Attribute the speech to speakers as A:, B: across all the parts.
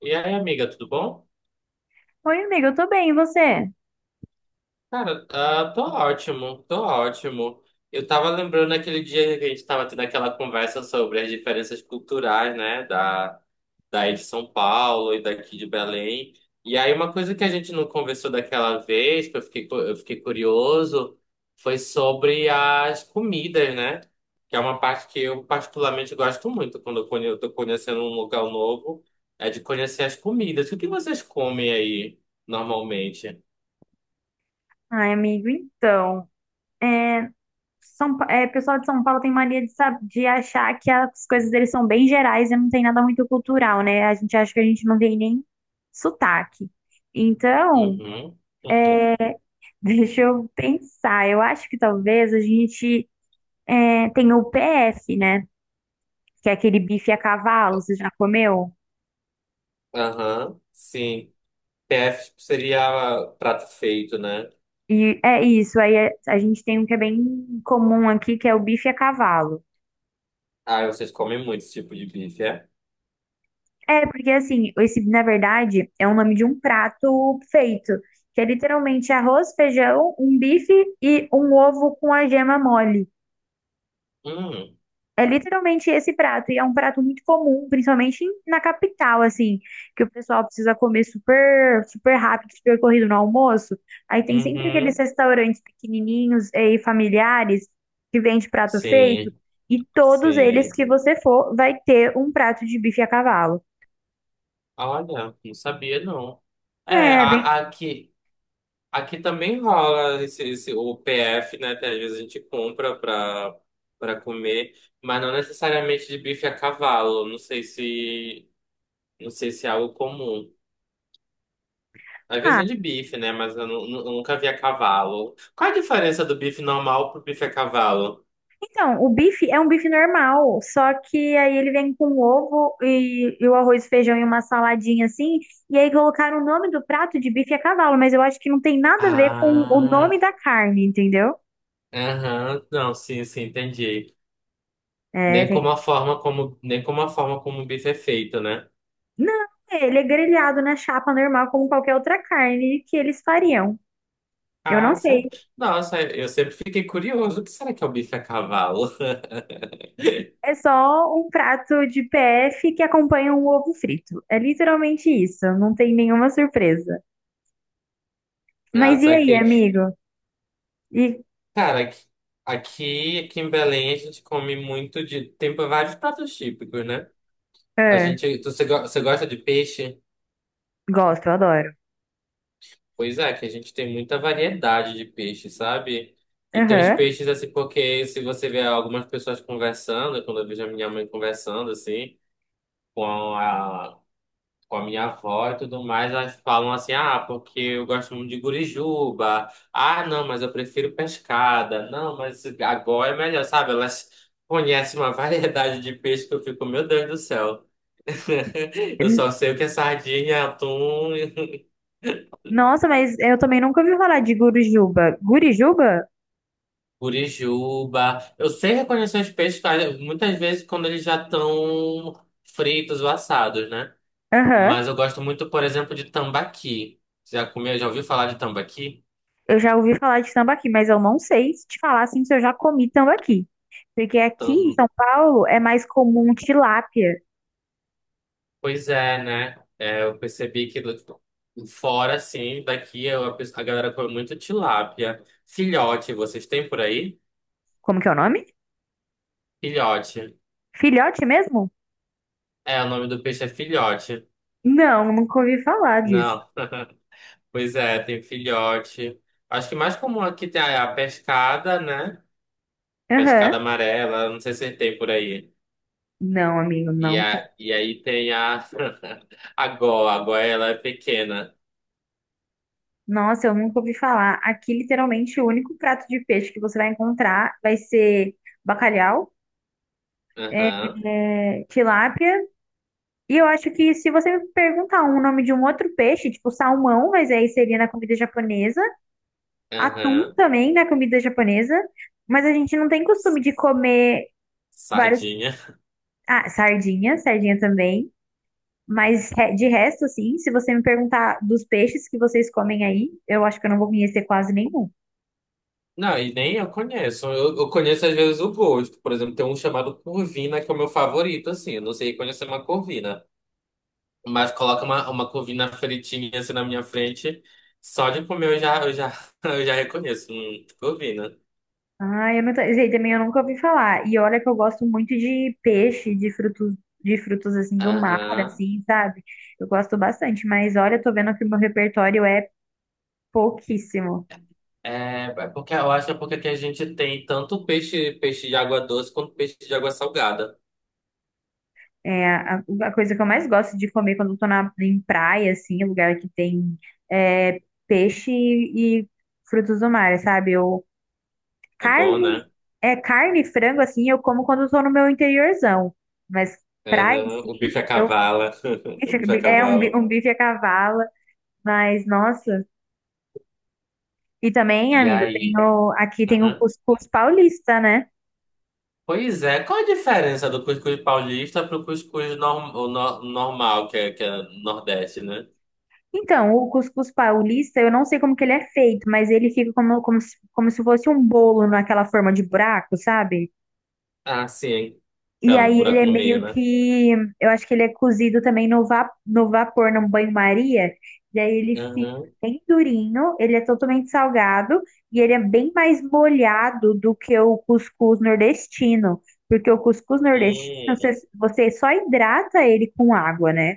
A: E aí, amiga, tudo bom?
B: Oi, amiga, eu tô bem, e você?
A: Cara, ah, tô ótimo, tô ótimo. Eu tava lembrando aquele dia que a gente tava tendo aquela conversa sobre as diferenças culturais, né, daí de São Paulo e daqui de Belém. E aí, uma coisa que a gente não conversou daquela vez, que eu fiquei curioso, foi sobre as comidas, né? Que é uma parte que eu particularmente gosto muito quando eu tô conhecendo um lugar novo, é de conhecer as comidas. O que vocês comem aí normalmente?
B: Ai, amigo, então. Pessoal de São Paulo tem mania de, de achar que as coisas deles são bem gerais e não tem nada muito cultural, né? A gente acha que a gente não tem nem sotaque. Então,
A: Uhum. Uhum.
B: deixa eu pensar. Eu acho que talvez a gente tenha o PF, né? Que é aquele bife a cavalo, você já comeu?
A: Aham, sim. PF, tipo, seria prato feito, né?
B: E é isso, a gente tem um que é bem comum aqui, que é o bife a cavalo.
A: Ah, vocês comem muito esse tipo de bife, é?
B: É, porque assim, esse, na verdade, é o nome de um prato feito, que é literalmente arroz, feijão, um bife e um ovo com a gema mole.
A: Hum,
B: É literalmente esse prato, e é um prato muito comum, principalmente na capital, assim, que o pessoal precisa comer super, super rápido, super corrido no almoço. Aí tem sempre aqueles
A: uhum.
B: restaurantes pequenininhos e familiares que vende prato feito,
A: Sim,
B: e todos eles
A: sim.
B: que você for vai ter um prato de bife a cavalo.
A: Olha, não sabia não. É,
B: É, bem.
A: aqui também rola o PF, né? Que às vezes a gente compra pra comer, mas não necessariamente de bife a cavalo. Não sei se é algo comum. Às vezes
B: ah,
A: vende bife, né? Mas eu nunca vi a cavalo. Qual a diferença do bife normal pro bife a cavalo?
B: Então, o bife é um bife normal, só que aí ele vem com ovo e o arroz, feijão e uma saladinha assim. E aí colocaram o nome do prato de bife a cavalo, mas eu acho que não tem nada a ver com o nome
A: Ah,
B: da carne, entendeu?
A: aham, não, sim, sim, entendi.
B: É,
A: Nem
B: tem...
A: como a forma como, nem como a forma como o bife é feito, né?
B: Não, ele é grelhado na chapa normal, como qualquer outra carne que eles fariam. Eu não
A: Ah, sabe?
B: sei.
A: Nossa, eu sempre fiquei curioso. O que será que é o bife a cavalo?
B: É só um prato de PF que acompanha um ovo frito. É literalmente isso, não tem nenhuma surpresa.
A: Ah,
B: Mas e aí,
A: saquei.
B: amigo? E,
A: Cara, aqui em Belém a gente come muito de... Tem vários pratos típicos, né? A
B: ah,
A: gente... tu- Você go- Você gosta de peixe?
B: Gosto, eu adoro.
A: Pois é, que a gente tem muita variedade de peixe, sabe? E tem uns
B: Aham.
A: peixes assim, porque se você vê algumas pessoas conversando, quando eu vejo a minha mãe conversando assim, com a, a minha avó e tudo mais, elas falam assim: ah, porque eu gosto muito de gurijuba, ah, não, mas eu prefiro pescada, não, mas agora é melhor, sabe? Elas conhecem uma variedade de peixe que eu fico, meu Deus do céu, eu só
B: N-
A: sei o que é sardinha, atum.
B: Nossa, mas eu também nunca ouvi falar de Gurujuba. Gurijuba?
A: Curijuba. Eu sei reconhecer os peixes, claro, muitas vezes quando eles já estão fritos ou assados, né?
B: Aham.
A: Mas eu gosto muito, por exemplo, de tambaqui. Você já comeu, já ouviu falar de tambaqui?
B: Eu já ouvi falar de tambaqui, mas eu não sei se te falar assim se eu já comi tambaqui. Porque aqui em
A: Tam-
B: São Paulo é mais comum tilápia.
A: Pois é, né? É, eu percebi que tipo, fora, assim, daqui a galera come muito tilápia. Filhote, vocês têm por aí?
B: Como que é o nome?
A: Filhote.
B: Filhote mesmo?
A: É, o nome do peixe é filhote.
B: Não, nunca ouvi falar disso.
A: Não, pois é, tem filhote. Acho que mais comum aqui tem a pescada, né?
B: Aham.
A: Pescada amarela, não sei se tem por aí.
B: Não, amigo,
A: E,
B: não tem.
A: a, e aí tem a. A Gó, ela é pequena.
B: Nossa, eu nunca ouvi falar. Aqui, literalmente, o único prato de peixe que você vai encontrar vai ser bacalhau, é,
A: Aham,
B: é, tilápia. E eu acho que se você me perguntar um nome de um outro peixe, tipo salmão, mas aí seria na comida japonesa, atum
A: aham.
B: também na comida japonesa, mas a gente não tem costume de comer vários.
A: Sardinha.
B: Ah, sardinha, sardinha também. Mas de resto, assim, se você me perguntar dos peixes que vocês comem aí, eu acho que eu não vou conhecer quase nenhum.
A: Não, e nem eu conheço. Eu conheço às vezes o gosto. Por exemplo, tem um chamado corvina, que é o meu favorito, assim. Eu não sei conhecer uma corvina. Mas coloca uma corvina fritinha assim na minha frente. Só de comer eu já reconheço. Corvina.
B: Ah, eu não tô- esse aí também eu nunca ouvi falar. E olha que eu gosto muito de peixe, de frutos assim do mar,
A: Aham.
B: assim, sabe? Eu gosto bastante, mas olha, eu tô vendo que o meu repertório é pouquíssimo.
A: É porque eu acho que é porque aqui a gente tem tanto peixe, peixe de água doce quanto peixe de água salgada.
B: É a coisa que eu mais gosto de comer quando eu tô em praia, assim, lugar que tem é, peixe e frutos do mar, sabe?
A: É bom,
B: Carne,
A: né?
B: é carne, e frango, assim, eu como quando eu tô no meu interiorzão. Mas praia,
A: Aham, o bife
B: assim,
A: a
B: eu,
A: cavala. O
B: bicho,
A: bife a
B: é um, bi-
A: cavalo.
B: um bife a cavalo, mas nossa. E também,
A: E
B: amigo,
A: aí?
B: aqui tem o
A: Aham.
B: cuscuz paulista, né?
A: Pois é, qual a diferença do cuscuz paulista pro cuscuz norm, o no- normal, que é Nordeste, né?
B: Então, o cuscuz paulista, eu não sei como que ele é feito, mas ele fica como se fosse um bolo naquela forma de buraco, sabe?
A: Ah, sim.
B: E
A: Então, um
B: aí ele
A: buraco
B: é
A: no meio,
B: meio
A: né?
B: que, eu acho que ele é cozido também no vapor, num banho-maria, e aí ele fica
A: Uhum.
B: bem durinho, ele é totalmente salgado, e ele é bem mais molhado do que o cuscuz nordestino, porque o cuscuz nordestino,
A: Hum,
B: você só hidrata ele com água, né?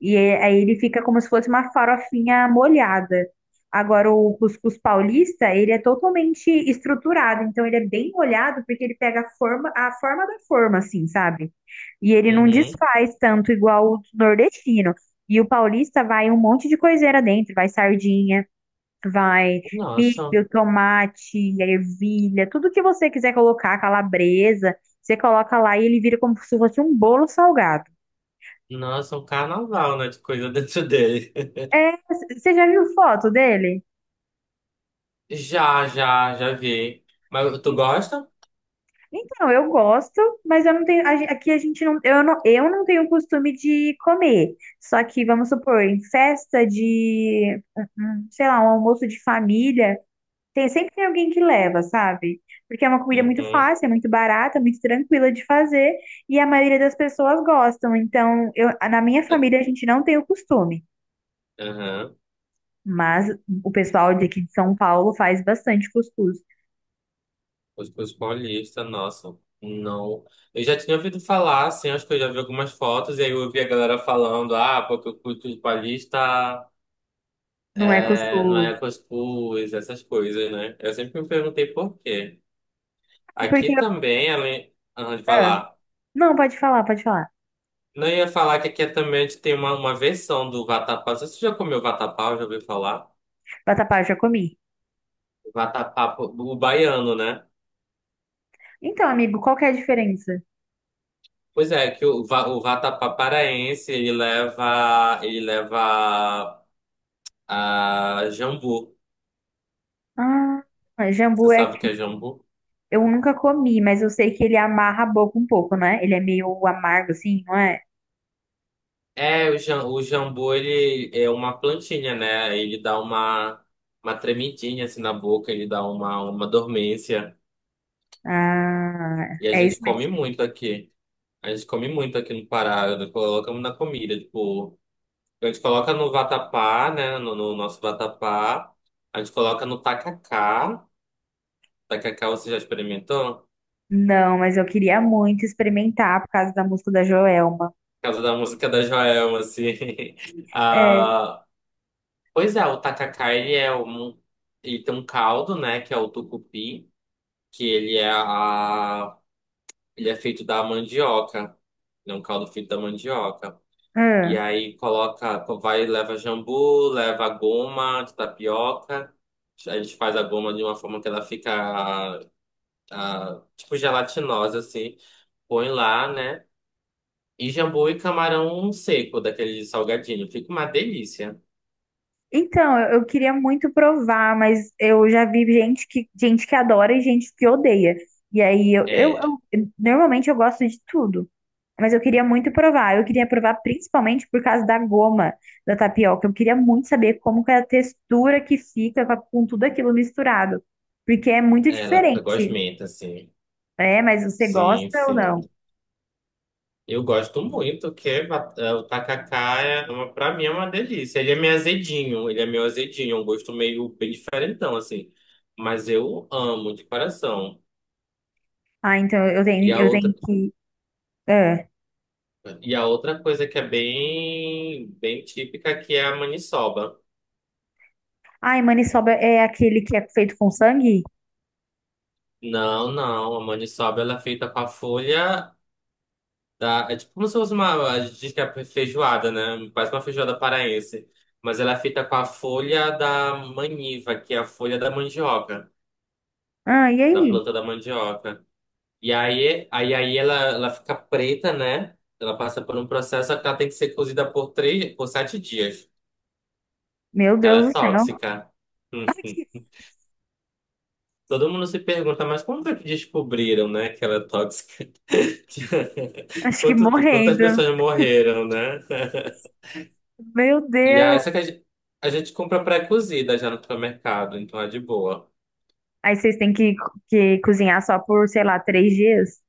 B: Aí ele fica como se fosse uma farofinha molhada. Agora, o cuscuz paulista, ele é totalmente estruturado, então ele é bem molhado porque ele pega a forma da forma, assim, sabe? E ele não
A: uhum.
B: desfaz tanto igual o nordestino. E o paulista vai um monte de coiseira dentro, vai sardinha, vai
A: Nossa,
B: milho, tomate, ervilha, tudo que você quiser colocar, calabresa, você coloca lá e ele vira como se fosse um bolo salgado.
A: nossa, um carnaval, né, de coisa dentro dele.
B: É, você já viu foto dele?
A: Já, já, já vi. Mas tu gosta?
B: Então, eu gosto, mas eu não tenho. A gen- aqui a gente não. Eu não tenho o costume de comer. Só que, vamos supor, em festa de. Um- um, sei lá, um almoço de família, sempre tem alguém que leva, sabe? Porque é uma comida muito
A: Uhum.
B: fácil, é muito barata, é muito tranquila de fazer. E a maioria das pessoas gostam. Então, eu, na minha
A: É,
B: família, a gente não tem o costume.
A: aham.
B: Mas o pessoal daqui de São Paulo faz bastante cuscuz.
A: Os paulistas, nossa. Não. Eu já tinha ouvido falar, assim, acho que eu já vi algumas fotos, e aí eu ouvi a galera falando: ah, porque o culto de paulista
B: Não é
A: é, não é
B: cuscuz.
A: cuscuz, essas coisas, né? Eu sempre me perguntei por quê.
B: É
A: Aqui
B: porque.
A: também, além, ah, vai
B: ah,
A: lá.
B: Não, pode falar, pode falar.
A: Não, eu ia falar que aqui é também a gente tem uma versão do vatapá. Você já comeu vatapá? Já ouviu falar?
B: Vatapá, já comi.
A: Vatapá, o baiano, né?
B: Então, amigo, qual que é a diferença?
A: Pois é, o vatapá paraense, ele leva a jambu.
B: Ah,
A: Você
B: jambu é
A: sabe
B: que
A: o que é jambu?
B: eu nunca comi, mas eu sei que ele amarra a boca um pouco, né? Ele é meio amargo, assim, não é?
A: O jambu, ele é uma plantinha, né? Ele dá uma tremidinha assim na boca, ele dá uma dormência.
B: Ah,
A: E a
B: é isso
A: gente come
B: mesmo.
A: muito aqui. A gente come muito aqui no Pará, nós colocamos na comida, tipo, a gente coloca no vatapá, né, no nosso vatapá, a gente coloca no tacacá. Tacacá, você já experimentou?
B: Não, mas eu queria muito experimentar por causa da música da Joelma.
A: Causa da música da Joelma, assim.
B: É.
A: Ah, pois é, o tacacá, ele é um... Ele tem um caldo, né, que é o tucupi, que ele é a... Ele é feito da mandioca. Ele é um caldo feito da mandioca. E
B: ah.
A: aí coloca, vai, leva jambu, leva goma de tapioca. A gente faz a goma de uma forma que ela fica, tipo, gelatinosa, assim. Põe lá, né? E jambu e camarão seco, daquele salgadinho. Fica uma delícia.
B: Então, eu queria muito provar, mas eu já vi gente que adora e gente que odeia. E aí,
A: É,
B: eu- Normalmente eu gosto de tudo. Mas eu queria muito provar. Eu queria provar principalmente por causa da goma da tapioca. Eu queria muito saber como que é a textura que fica com tudo aquilo misturado. Porque é muito
A: ela fica
B: diferente.
A: gosmenta, assim.
B: É, mas você
A: Sim,
B: gosta ou
A: sim.
B: não?
A: Eu gosto muito, que é ba- é, o tacacá, é uma, pra mim, é uma delícia. Ele é meio azedinho, ele é meio azedinho. É um gosto meio bem diferentão, assim. Mas eu amo, de coração.
B: Ah, então
A: E a
B: eu tenho
A: outra,
B: que. É.
A: e a outra coisa que é bem, bem típica, que é a maniçoba.
B: Ai, maniçoba é aquele que é feito com sangue?
A: Não, não. A maniçoba, ela é feita com a folha... Tá? É tipo como se fosse uma. A gente diz que é feijoada, né? Quase uma feijoada paraense. Mas ela é feita com a folha da maniva, que é a folha da mandioca,
B: Ah, e
A: da
B: aí?
A: planta da mandioca. E aí ela fica preta, né? Ela passa por um processo que ela tem que ser cozida por três, por sete dias.
B: Meu
A: Ela é
B: Deus do céu.
A: tóxica. Hum.
B: Ai, que-
A: Todo mundo se pergunta, mas como é que descobriram, né, que ela é tóxica?
B: Acho que
A: Quantas
B: morrendo.
A: pessoas morreram, né?
B: Meu
A: E
B: Deus.
A: aí, só que a gente compra pré-cozida já no supermercado, então é de boa.
B: Aí vocês têm que cozinhar só por, sei lá, três dias?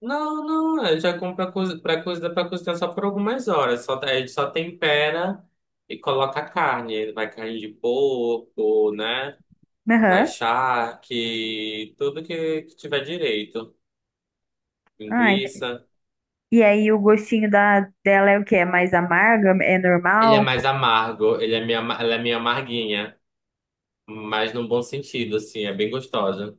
A: Não, não, a gente já compra pré-cozida pra cozinhar só por algumas horas. Só, a gente só tempera e coloca a carne. Vai carne de porco, né? Vai
B: Aham.
A: charque, tudo que tiver direito.
B: Ai.
A: Linguiça.
B: E aí o gostinho dela é o que? É mais amarga? É
A: Ele é
B: normal?
A: mais amargo, ele é meio, ama- ela é meio amarguinha, mas num bom sentido, assim, é bem gostosa.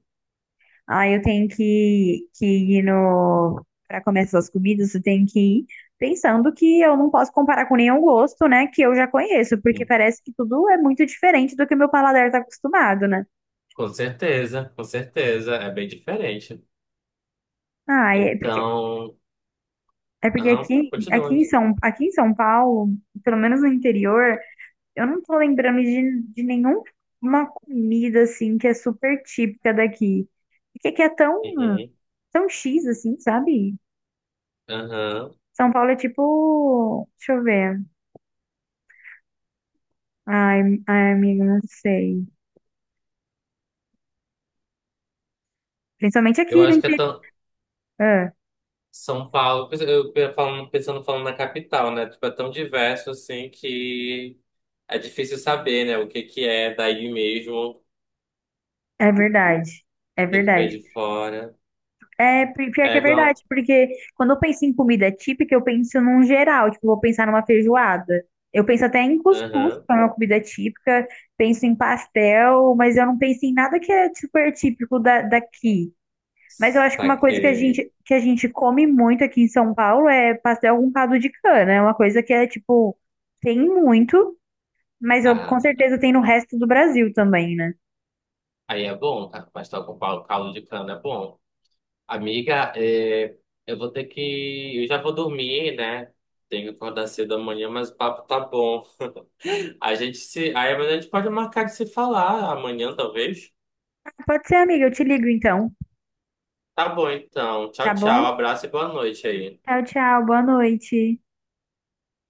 B: Aí eu tenho que ir no. Para comer essas comidas, eu tenho que ir pensando que eu não posso comparar com nenhum gosto, né? Que eu já conheço, porque
A: Hum.
B: parece que tudo é muito diferente do que meu paladar está acostumado, né?
A: Com certeza, é bem diferente.
B: Ah, é porque,
A: Então.
B: é porque
A: Aham, continua.
B: aqui em São Paulo, pelo menos no interior, eu não tô lembrando de nenhuma comida assim que é super típica daqui. Porque que é tão
A: Uhum,
B: são X, assim, sabe?
A: aham.
B: São Paulo é tipo. Deixa eu ver. Ai, ai, amiga, não sei. Principalmente
A: Eu
B: aqui no
A: acho que é
B: interior.
A: tão.
B: Ah,
A: São Paulo, falando, pensando falando na capital, né? Tipo, é tão diverso assim que é difícil saber, né? O que que é daí mesmo, o
B: é verdade. É
A: que que vem
B: verdade.
A: de fora.
B: É, pior que
A: É
B: é verdade,
A: igual.
B: porque quando eu penso em comida típica, eu penso num geral, tipo, eu vou pensar numa feijoada. Eu penso até em cuscuz,
A: Aham.
B: que é uma comida típica, penso em pastel, mas eu não penso em nada que é super típico daqui. Mas eu acho que uma coisa
A: Saquei.
B: que a gente come muito aqui em São Paulo é pastel com caldo de cana. É uma coisa que é, tipo, tem muito, mas eu, com
A: Ah,
B: certeza tem no resto do Brasil também, né?
A: aí é bom, cara. Pastel com caldo de cana é bom. Amiga, é, eu vou ter que. Eu já vou dormir, né? Tenho que acordar cedo amanhã, mas o papo tá bom. A gente se. Aí mas a gente pode marcar de se falar amanhã, talvez.
B: Pode ser, amiga, eu te ligo então,
A: Tá bom, então.
B: tá
A: Tchau, tchau.
B: bom?
A: Abraço e boa noite aí.
B: Tchau, tchau, boa noite.